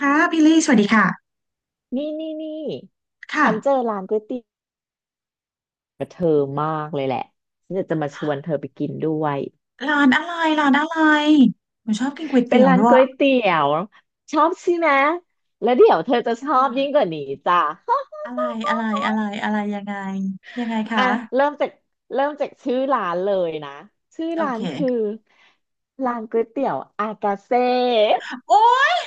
ค่ะพี่ลี่สวัสดีค่ะนี่นี่นี่ค่ะฉันเจอร้านก๋วยเตี๋ยวกับเธอมากเลยแหละฉันอยากจะมาชวนเธอไปกินด้วยร้านอะไรร้านอะไรหนูชอบกินก๋วยเป็นเตี๋ยวร้านด้วก๋วยยเตี๋ยวชอบใช่ไหมแล้วเดี๋ยวเธอจะชอบยิ่งค่ะกว่านี้จ้ะ อะไรอะไรยังไงยังไงคะอ่ะเริ่มจากเริ่มจากชื่อร้านเลยนะชื่อโอร้าเคนคือร้านก๋วยเตี๋ยวอากาเซ่โอ้ย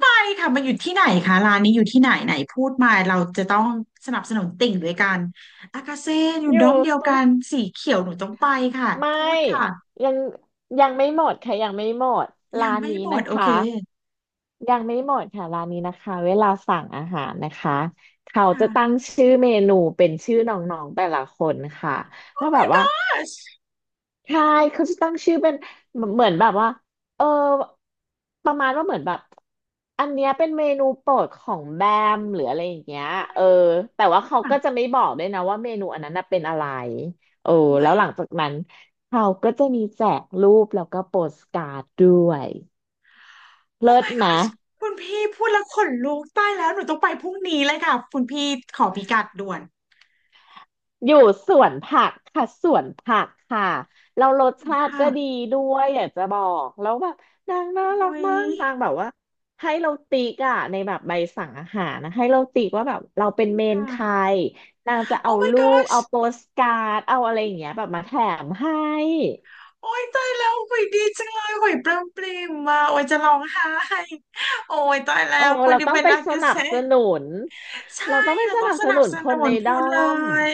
ไปค่ะมันอยู่ที่ไหนคะร้านนี้อยู่ที่ไหนไหนพูดมาเราจะต้องสนับสนุนติ่งด้วยกันอากาเซ่อยู่อด้ยู่อมเดียวสุกันสีเขียวหนูต้องไปค่ะไม่พูดค่ะยังยังไม่หมดค่ะยังไม่หมดยัร้างนไม่นี้หมนะดโอคะ เคยังไม่หมดค่ะร้านนี้นะคะเวลาสั่งอาหารนะคะเขาจะตั้ค่ะ งชื่อเมนูเป็นชื่อน้องๆแต่ละคนค่ะว่า Oh แบบ my ว่า gosh ใช่เขาจะตั้งชื่อเป็นเหมือนแบบว่าเออประมาณว่าเหมือนแบบอันเนี้ยเป็นเมนูโปรดของแบมหรืออะไรอย่างเงี้ยโอ้เอยอแต่ว่าเขาอะก็จะไม่บอกด้วยนะว่าเมนูอันนั้นน่ะเป็นอะไรโออโอ้แล้ย วหลังจากนั้นเขาก็จะมีแจกรูปแล้วก็โปสการ์ดด้วยโอ้ เลิศ my ไหม gosh คุณพี่พูดแล้วขนลุกตายแล้วหนูต้องไปพรุ่งนี้เลยค่ะคุณพี่ขอพิกัดด่วนอยู่สวนผักค่ะสวนผักค่ะเรารสชาติค่ะก็ดีด้วยอยากจะบอกแล้วแบบนางน่ารักโอ้ยมากนางแบบว่าให้เราติ๊กอะในแบบใบสั่งอาหารนะให้เราติ๊กว่าแบบเราเป็นเมนใครค่ะนางจะโอ้ เอา my รูป gosh เอาโปสการ์ดเอาอะไรอย่างเงี้ยแบบมาแถมให้โอ้ยตายแล้วหุยดีจังเลยหุยปลื้มปลิ่มมาโอ้ยจะร้องไห้โอ้ยตายโอ้แล้วคนเราที่ต้องเป็นไปอาสกานับเซ่ สนุนใช่เราต้องไปเราสต้องนับสสนันุบนสคนนุในนพูด้อนเลมย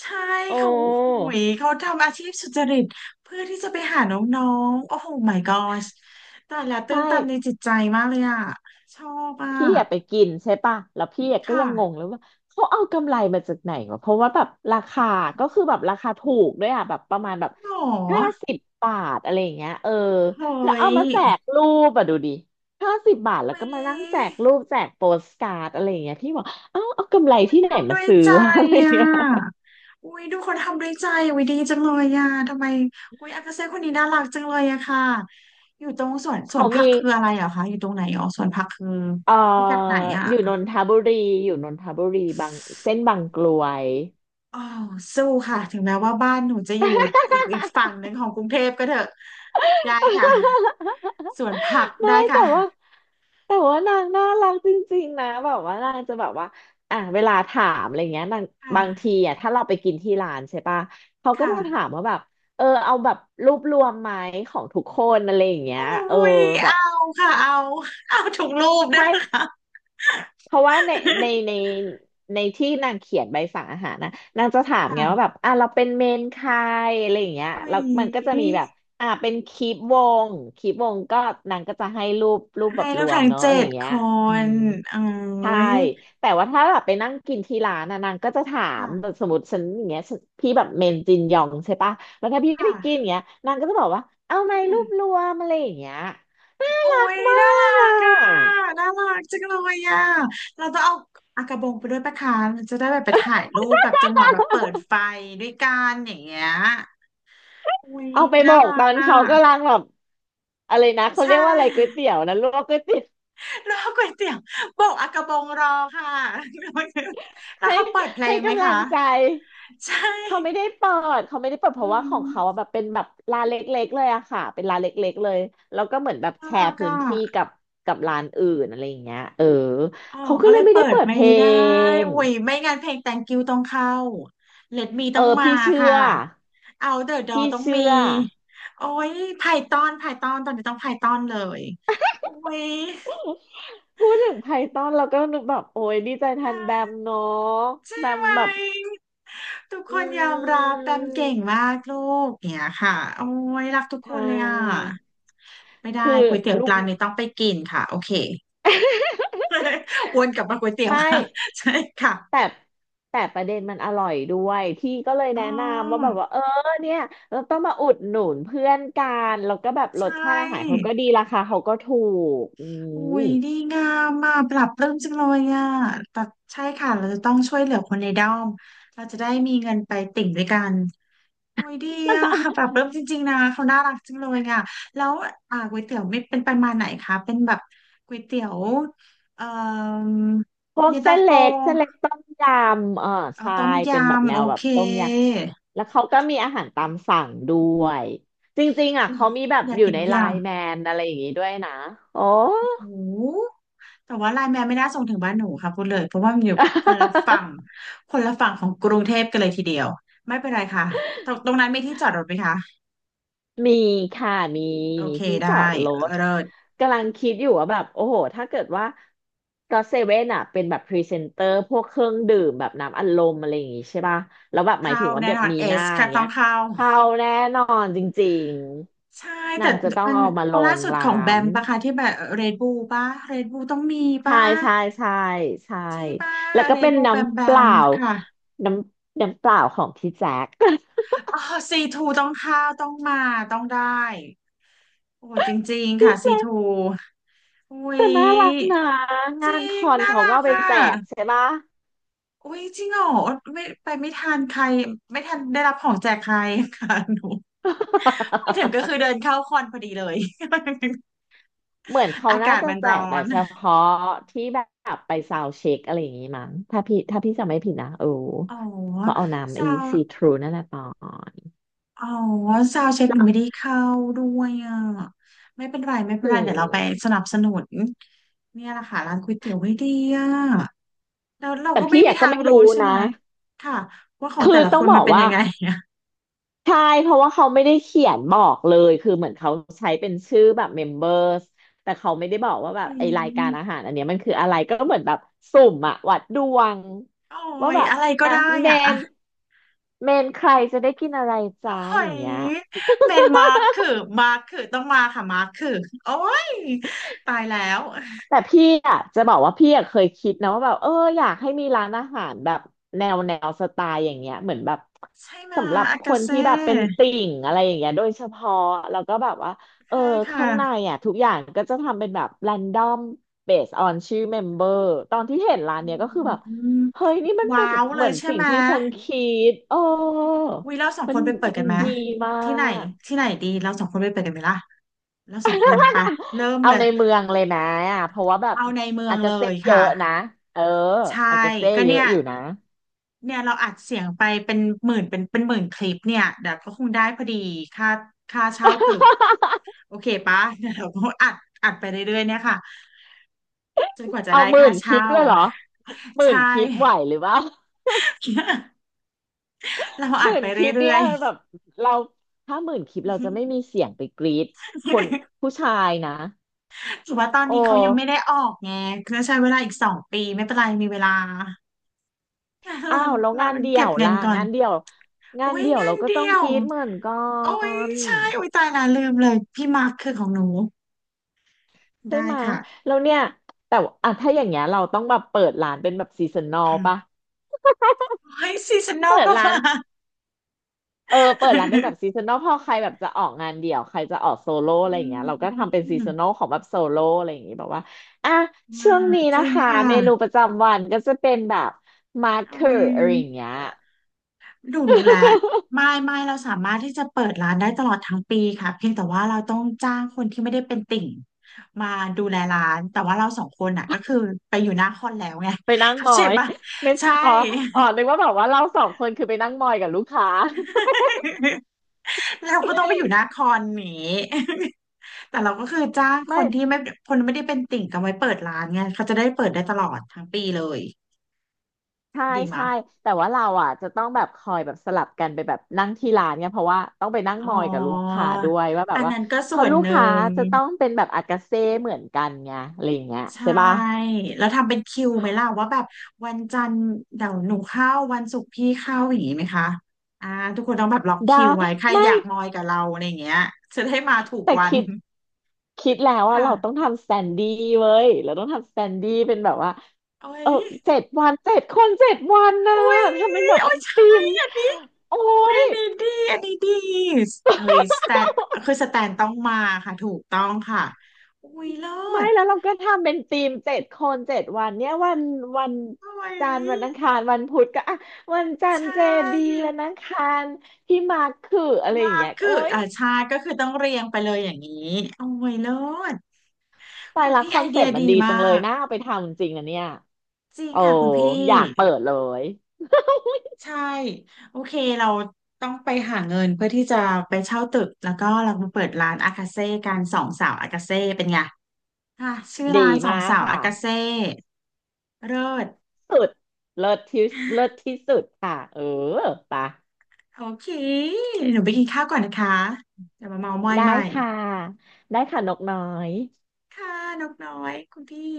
ใช่โอ้เขาหุยเขาทำอาชีพสุจริตเพื่อที่จะไปหาน้องๆโอ้โห my gosh แต่ละตื้ไม่ นตันในจิตใจมากเลยอ่ะชอบอ่ะพี่อะไปกินใช่ป่ะแล้วพี่อะก็ค่ะยังงงเลยว่าเขาเอากำไรมาจากไหนวะเพราะว่าแบบราคาก็คือแบบราคาถูกด้วยอะแบบประมาณแบบหรอห้าสิบบาทอะไรอย่างเงี้ยเออเฮ้แล้วเอายมาแจกรูปอะดูดิห้าสิบบาทแล้วเฮ้ก็ย มานั่งแจกรูปแจกโปสการ์ดอะไรอย่างเงี้ยพี่บอกเอ้าเอากำไรที่ไหนมาด้วยซื้อใจวะ อะไรอย่าอ่งเงี้ยะอุ้ยดูคนทำด้วยใจอะอุ้ยดีจังเลยอ่ะทำไมอุ้ยอากาเซ่คนนี้น่ารักจังเลยอะค่ะอยู่ตรงสวนสวเขานผัมีกคืออะไรเหรอคะอยู่ตรงไหนอ๋อสวนผักคือเอ่อพิกัดไหนอยู่นอ่ะนทบุรีอยู่นนทบุรีบางเส้นบางกลวย อ๋อสู้ค่ะถึงแม้ว่าบ้านหนูจะอยู่อีกฝั่งหนึ่งของกรุงเทพก็เถอะได้ค่ะ สวนผักไม่ได้ค่ะแต่ว่าแต่ว่านางน่ารักจริงๆนะแบบว่านางจะแบบว่าอ่ะเวลาถามอะไรเงี้ยนางคบางที่ะอ่ะถ้าเราไปกินที่ร้านใช่ปะเขาก็ค่ะจะถามว่าแบบเออเอาแบบรูปรวมไหมของทุกคนอะไรอย่างเงี้โอ้ยเออยแบบเอาค่ะเอาเอาถูกรูปได้ใช่ ปะคะเพราะว่าในในในที่นางเขียนใบสั่งอาหารนะนางจะถามไงว่าค่ะแบบอ่ะเราเป็นเมนใครอะไรอย่างเงี้ยโอ้แล้วมันก็จะมีย แบบอ่ะเป็นคลิปวงคลิปวงก็นางก็จะให้รูปแบให้บรแล้ววมทั้งเนาะเจ็อะไรอดย่างคเงี้ยอืนมโอ้ใช่ยแต่ว่าถ้าแบบไปนั่งกินที่ร้านนะนางก็จะถามแบบค่ะสมมติฉันอย่างเงี้ยฉันพี่แบบเมนจินยองใช่ปะแล้วถ้าพี่ไปกินอค่ะย่างเงี้ยนางก็จะบอกว่าเอาไหมรูค่ะปรวมอะไรอย่างเงี้ยน่าโอ้รักยมาน่ารักอ่กอ่ะะ น่ารักจังเลยอ่ะเราจะเอาอากระบงไปด้วยปะคะมันจะได้แบบไปถ่ายรูปแบบจังหวะแบบเปิดไฟด้วยกันอย่างเงี้ยอุ้ย เอาไปบน่าอกรัตกอนอ่ะเขากำลังแบบอะไรนะเขาใชเรียกว่าอะไรก๋วย่เตี๋ยวนะลวกก๋วยเตี๋ยวรอก๋วยเตี๋ยวบอกอากระบงรอค่ะ แล้วให้เขาเปิดเพลให้งไหมกำลัคะ งใจใช่ เขาไม่ได้เปิดเขาไม่ได้เปิดอืเพราะว่าของเขาอะม แบบเป็นแบบร้านเล็กๆเลยอะค่ะเป็นร้านเล็กๆเลยแล้วก็เหมือนแบบน่าแชรัร์กพื้นอ่ะ ที่กับกับร้านอื่นอะไรอย่างเงี้ยเอออ๋อเขาก็ก็เลเลยยไม่เปิได้ดเปิดไม่เพลได้งอุ้ย ไม่งั้นเพลง Thank you ต้องเข้า Let me เอต้องอมาพี่เชื่ค่ะ อ Out the door พี่ต้องมี เชื่อโอ้ย Python Python ตอนนี้ต้อง Python เลยโอ้ยพูดถึงไพทอนเราก็นึกแบบโอ้ยดีใจแทนแบมเนาะใช่แบมไหมแบบทุกอคนยอมืรับแปมเก่งมาม กลูกเนี่ยค่ะ โอ้ย รักทุกใชคนเลยอ่ะ่ ไม่ได้คือก๋วยเตี๋ยวลูก ร้านนี้ต้องไปกินค่ะ โอเค วนกลับมาก๋วยเตี๋ยว ไม่ ค่ะใช่ค่ะแต่แต่ประเด็นมันอร่อยด้วยพี่ก็เลยอ๋อแนะนำว่าแบบว่าเออเนี่ยเราต้องมาอุดหนุนเพื่อนกันแล้วก็แบบรใช่ สชาติอาหารเขาก็ดีราคาเขาก็ถูกอือุ้มยดีงามมากปรับปลื้มจังเลยอ่ะแต่ใช่ค่ะเราจะต้องช่วยเหลือคนในด้อมเราจะได้มีเงินไปติ่งด้วยกันอุ้ยดีอ่ะปรับปลื้มจริงๆนะเขาน่ารักจังเลยอ่ะแล้วอ่าก๋วยเตี๋ยวไม่เป็นประมาณไหนคะเป็นแบบก๋วยเตี๋ยวเอ่อพวกเย็นเส้ตานโฟเล็กเส้นเล็กต้มยำเอออ๋อใช่ต้มยเป็นแบบำแนโอวแบเคบต้มยำแล้วเขาก็มีอาหารตามสั่งด้วยจริงๆอ่ะอยเขามีแบบอยาอกยู่กินในทุกอไลย่าง น์แมนอะไรอย่างงี้ด้วยนะโอ้ โอ้แต่ว่าไลน์แมนไม่น่าส่งถึงบ้านหนูค่ะพูดเลย เพราะว่ามันอยู่คนละฝั่ง คนละฝั่งของกรุงเทพกันเลยทีเดียว ไม่เป็นไรค่ะ ตรงนั้นมีที่จอดรถไหมคะ มีค่ะมีโอมีเคที่ได้จอดรถเลิศกำลังคิดอยู่ว่าแบบโอ้โหถ้าเกิดว่าก็เซเว่นอ่ะเป็นแบบพรีเซนเตอร์พวกเครื่องดื่มแบบน้ำอัดลมอะไรอย่างงี้ใช่ป่ะแล้วแบบหมายเข้าถึงว่าแน่แบบนอนมีเอหน้าสอค่ะย่างต้เงี้องยเข้าเข้าแน่นอนจริงใช่ๆนาแต่งจะต้องมันเอามาลล่างสุดขร้าองแบนมปะคะที่แบบเรดบูปะเรดบูต้องมีใช่ปะใช่ใช่ใช่ใช่ปะแล้วก็เรดเป็นบูแบมแบน้ำเปมล่าค่ะ น้น้ำเปล่าของพี่แจ๊ค อ๋อซีทูต้องเข้าต้องมาต้องได้โอ้ยจริง ๆพี่ค่ะซีแจ๊คทูอุ้แต่ยน่ารักนะจงารินคงอนน่าเขารัก็กเอาไปอ่ะแจกใช่ปะ อุ้ยจริงเหรอไม่ไปไม่ทันใครไม่ทันได้รับของแจกใครค่ะหนูไปถึงก็ คือเดินเข้าคอนพอดีเลย เหมือน เขาอาน่ากาศจะมันแจร้กอแต่นเฉพาะที่แบบไปซาวด์เช็คอะไรอย่างงี้มั้งถ้าพี่จำไม่ผิดนะเอออ๋อเขาเอาน้ำเศไอร้า ซีทรูนั่นแหละปอนอ๋อซาวเช็คหนูไม่ได้เข้าด้วยอ่ะไม่เป็นไรไม่เป็นอืไรเดี๋ยวเราไปสมนับสนุนเนี่ยแหละค่ะร้านก๋วยเตี๋ยวไม่ดีอ่ะแล้วเราแต่ก็ไม่พี่อมียากก็ทางไม่รู้รู้ใช่ไหมนะค่ะว่าของคืแต่อละต้คองนบมัอนกเป็นว่า ยังไงอ่ะใช่เพราะว่าเขาไม่ได้เขียนบอกเลยคือเหมือนเขาใช้เป็นชื่อแบบเมมเบอร์สแต่เขาไม่ได้บอกว่าแบอืบไอรายการอามหารอันเนี้ยมันคืออะไรก็เหมือนแบบสุ่มอะวัดดวงโอ้ว่ายแบบอะไรก็อ่ะได้เมอ่ะอ่ะนเมนใครจะได้กินอะไรโอ้จ้าอย่างยเงี้ย เมนมาร์คคือมาร์คคือต้องมาค่ะมาร์คคือโอ้ยตายแล้วแต่พี่อ่ะจะบอกว่าพี่อ่ะเคยคิดนะว่าแบบอยากให้มีร้านอาหารแบบแนวสไตล์อย่างเงี้ยเหมือนแบบใช่มาสำหรับอาคกานเซ่ที่แบบเป็นติ่งอะไรอย่างเงี้ยโดยเฉพาะแล้วก็แบบว่าเออใช่ค่ะข้างในอ่ะทุกอย่างก็จะทำเป็นแบบแรนดอมเบสออนชื่อเมมเบอร์ตอนที่เห็นร้าอืนเนี้ยก็คือแบบมเฮ้ยนี่มันเป็ว้านแบบวเลเหมืยอนใช่สิ่งไหม ที่ฉันคิดโอ้วิเราสองมัคนนไปเปิดมักันนไหมดีมาที่ไหนก ที่ไหนดีเราสองคนไปเปิดกันไหมล่ะเราสองคนไปะ เริ่มเอาเลยในเมืองเลยนะอ่ะเพราะว่าแบบเอาในเมืออางกาเลเซ่ยเยค่ะอะนะเออใช่อากาเซ่ก็เยเนี่อะยอยู่นะเนี่ยเราอัดเสียงไปเป็นหมื่นเป็นหมื่นคลิปเนี่ยเดี๋ยวก็คงได้พอดีค่าค่าเช่าตึกโอเคปะเดี๋ยวเราก็อัดไปเรื่อยๆเนี่ยค่ะจนกว่าจะเอาได้หมื่ค่านคลิเช่าปเลยเหรอหมื่ใช่ นคลิปไหวหรือเปล่า เรา หอัดมื่ไปนคเรลิปื่เนี่อยยแบบๆ เราถ้าหมื่นคลิปเราจะไม่มีเสียงไปกรีดคนผู้ชายนะถือว่าตอนโอนี้เขายังไม่ได้้ออกไงก็ใช้เวลาอีกสองปีไม่เป็นไรมีเวลา อ้าเราวแล้วเรางานเดี่ยเก็บวเงิล่ะนก่อน งานเดี่ยวงาโอ้นยเดี่ยวงาเรานก็เดีต้องยกว รีดเหมือนกัโอ้ยนใช่โอ้ยตายละลืมเลยพี่มาร์คคือของหนูใช่ได้ไหมะค่ะแล้วเนี่ยแต่ว่าอ่ะถ้าอย่างเงี้ยเราต้องแบบเปิดร้านเป็นแบบซีซันนอลอืมปะโอ้ยซีซันนอลเปิดก็ร้าน มา เออเปิดร้านเป็นแบบซี ซันนลพอใครแบบจะออกงานเดี่ยวใครจะออกโซโล่อะอไรอย่างเงี้ยเราืก็ทำเป็นซีซัมนนอลของแบบโซโล่อะไรอย่างงี้แบบว่าอ่ะอ่าช่วงนี้จนะริงคะค่ะ เมนูประจำวันก็จะเป็นแบบมาร์โอเกอร์อะไรอ้ย่างเงี้ย ย ดูรู้แล้วไม่ ไม่เราสามารถที่จะเปิดร้านได้ตลอดทั้งปีค่ะเพียงแต่ว่าเราต้องจ้างคนที่ไม่ได้เป็นติ่งมาดูแลร้านแต่ว่าเราสองคนน่ะก็คือไปอยู่หน้าคอนแล้วไง ไปนั่ง เข้ามอใจย ปะ ไม่ใช่ อ๋ออ๋อนึกว่าแบบว่าเราสองคนคือไปนั่งมอยกับลูกค้า เราก็ต้องไปอยู่หน้าคอนนี้ แต่เราก็คือจ้างคไม่ นที่ไม่คนไม่ได้เป็นติ่งกันไว้เปิดร้านไงเขาจะได้เปิดได้ตลอดทั้งปีเลยใช่ดีมะใช่แต่ว่าเราอ่ะจะต้องแบบคอยแบบสลับกันไปแบบนั่งที่ร้านเนี่ยเพราะว่าต้องไปนั่งอ๋มออยกับลูกค้าด้วยว่าแบอับนว่านั้นก็เพส่อวนลูกหนึ่ค้าง จะต้องเป็นแบบอากาเซ่เหมือนกันไงอะไรอย่างเงี้ยใช่ใช่ปะแล้วทำเป็นคิวไหมล่ะว่าแบบวันจันทร์เดี๋ยวหนูเข้าวันศุกร์พี่เข้าอย่างนี้ไหมคะอ่าทุกคนต้องแบบล็อกได้คิวไว้ใครไม่อยากมอยกับเราอะไรอย่างเงี้ยจะได้มาถูกแต่วันคิดแล้วว่าเราต้องค่ะทำสแตนดี้เว้ยเราต้องทำสแตนดี้เป็นแบบว่าโอ้เอยอ7 วัน 7 คน 7 วันนะโอ้ยทำเป็นแบบโอ้เป็ยนใช่ทีมอันนี้โอ้คุยย อันนี้ดีอันนี้ดีเฮ้ยสแตนคือสแตนต้องมาค่ะถูกต้องค่ะอุ้ยเลิไม่ศแล้วเราก็ทำเป็นทีมเจ็ดคนเจ็ดวันเนี่ยวันวันโอ้ยจันทร์วันอังคารวันพุธก็อ่ะวันจันทใช่ ร์เจดีวันอังคารพี่มาร์คคืออะไรอย่างมากเงี้ยคืโอ๊อยอ่าใช่ก็คือต้องเรียงไปเลยอย่างนี้โอ้ยเลิศตายคุณละพี่คอไอนเดีเซ็ยปต์มันดีดีมาจังเลยกน่าเอาไปทำจริงนะเนี่ยจริงโอ้ค่ะคุณพี่อยากเปิดเลยใช่โอเคเราต้องไปหาเงินเพื่อที่จะไปเช่าตึกแล้วก็เรามาเปิดร้านอากาเซ่กันสองสาวอากาเซ่เป็นไงอ่ะชื่อดีร้านสอมางกสาวค่ะอากาเซ่เลิศสุดเลิศที่เลิศที่สุดค่ะเออปะโอเคหนูไปกินข้าวก่อนนะคะเดี๋ยวมาเมาท์มอยได้ใหม่ค่ะได้ค่ะนกน้อยค่ะนกน้อยคุณพี่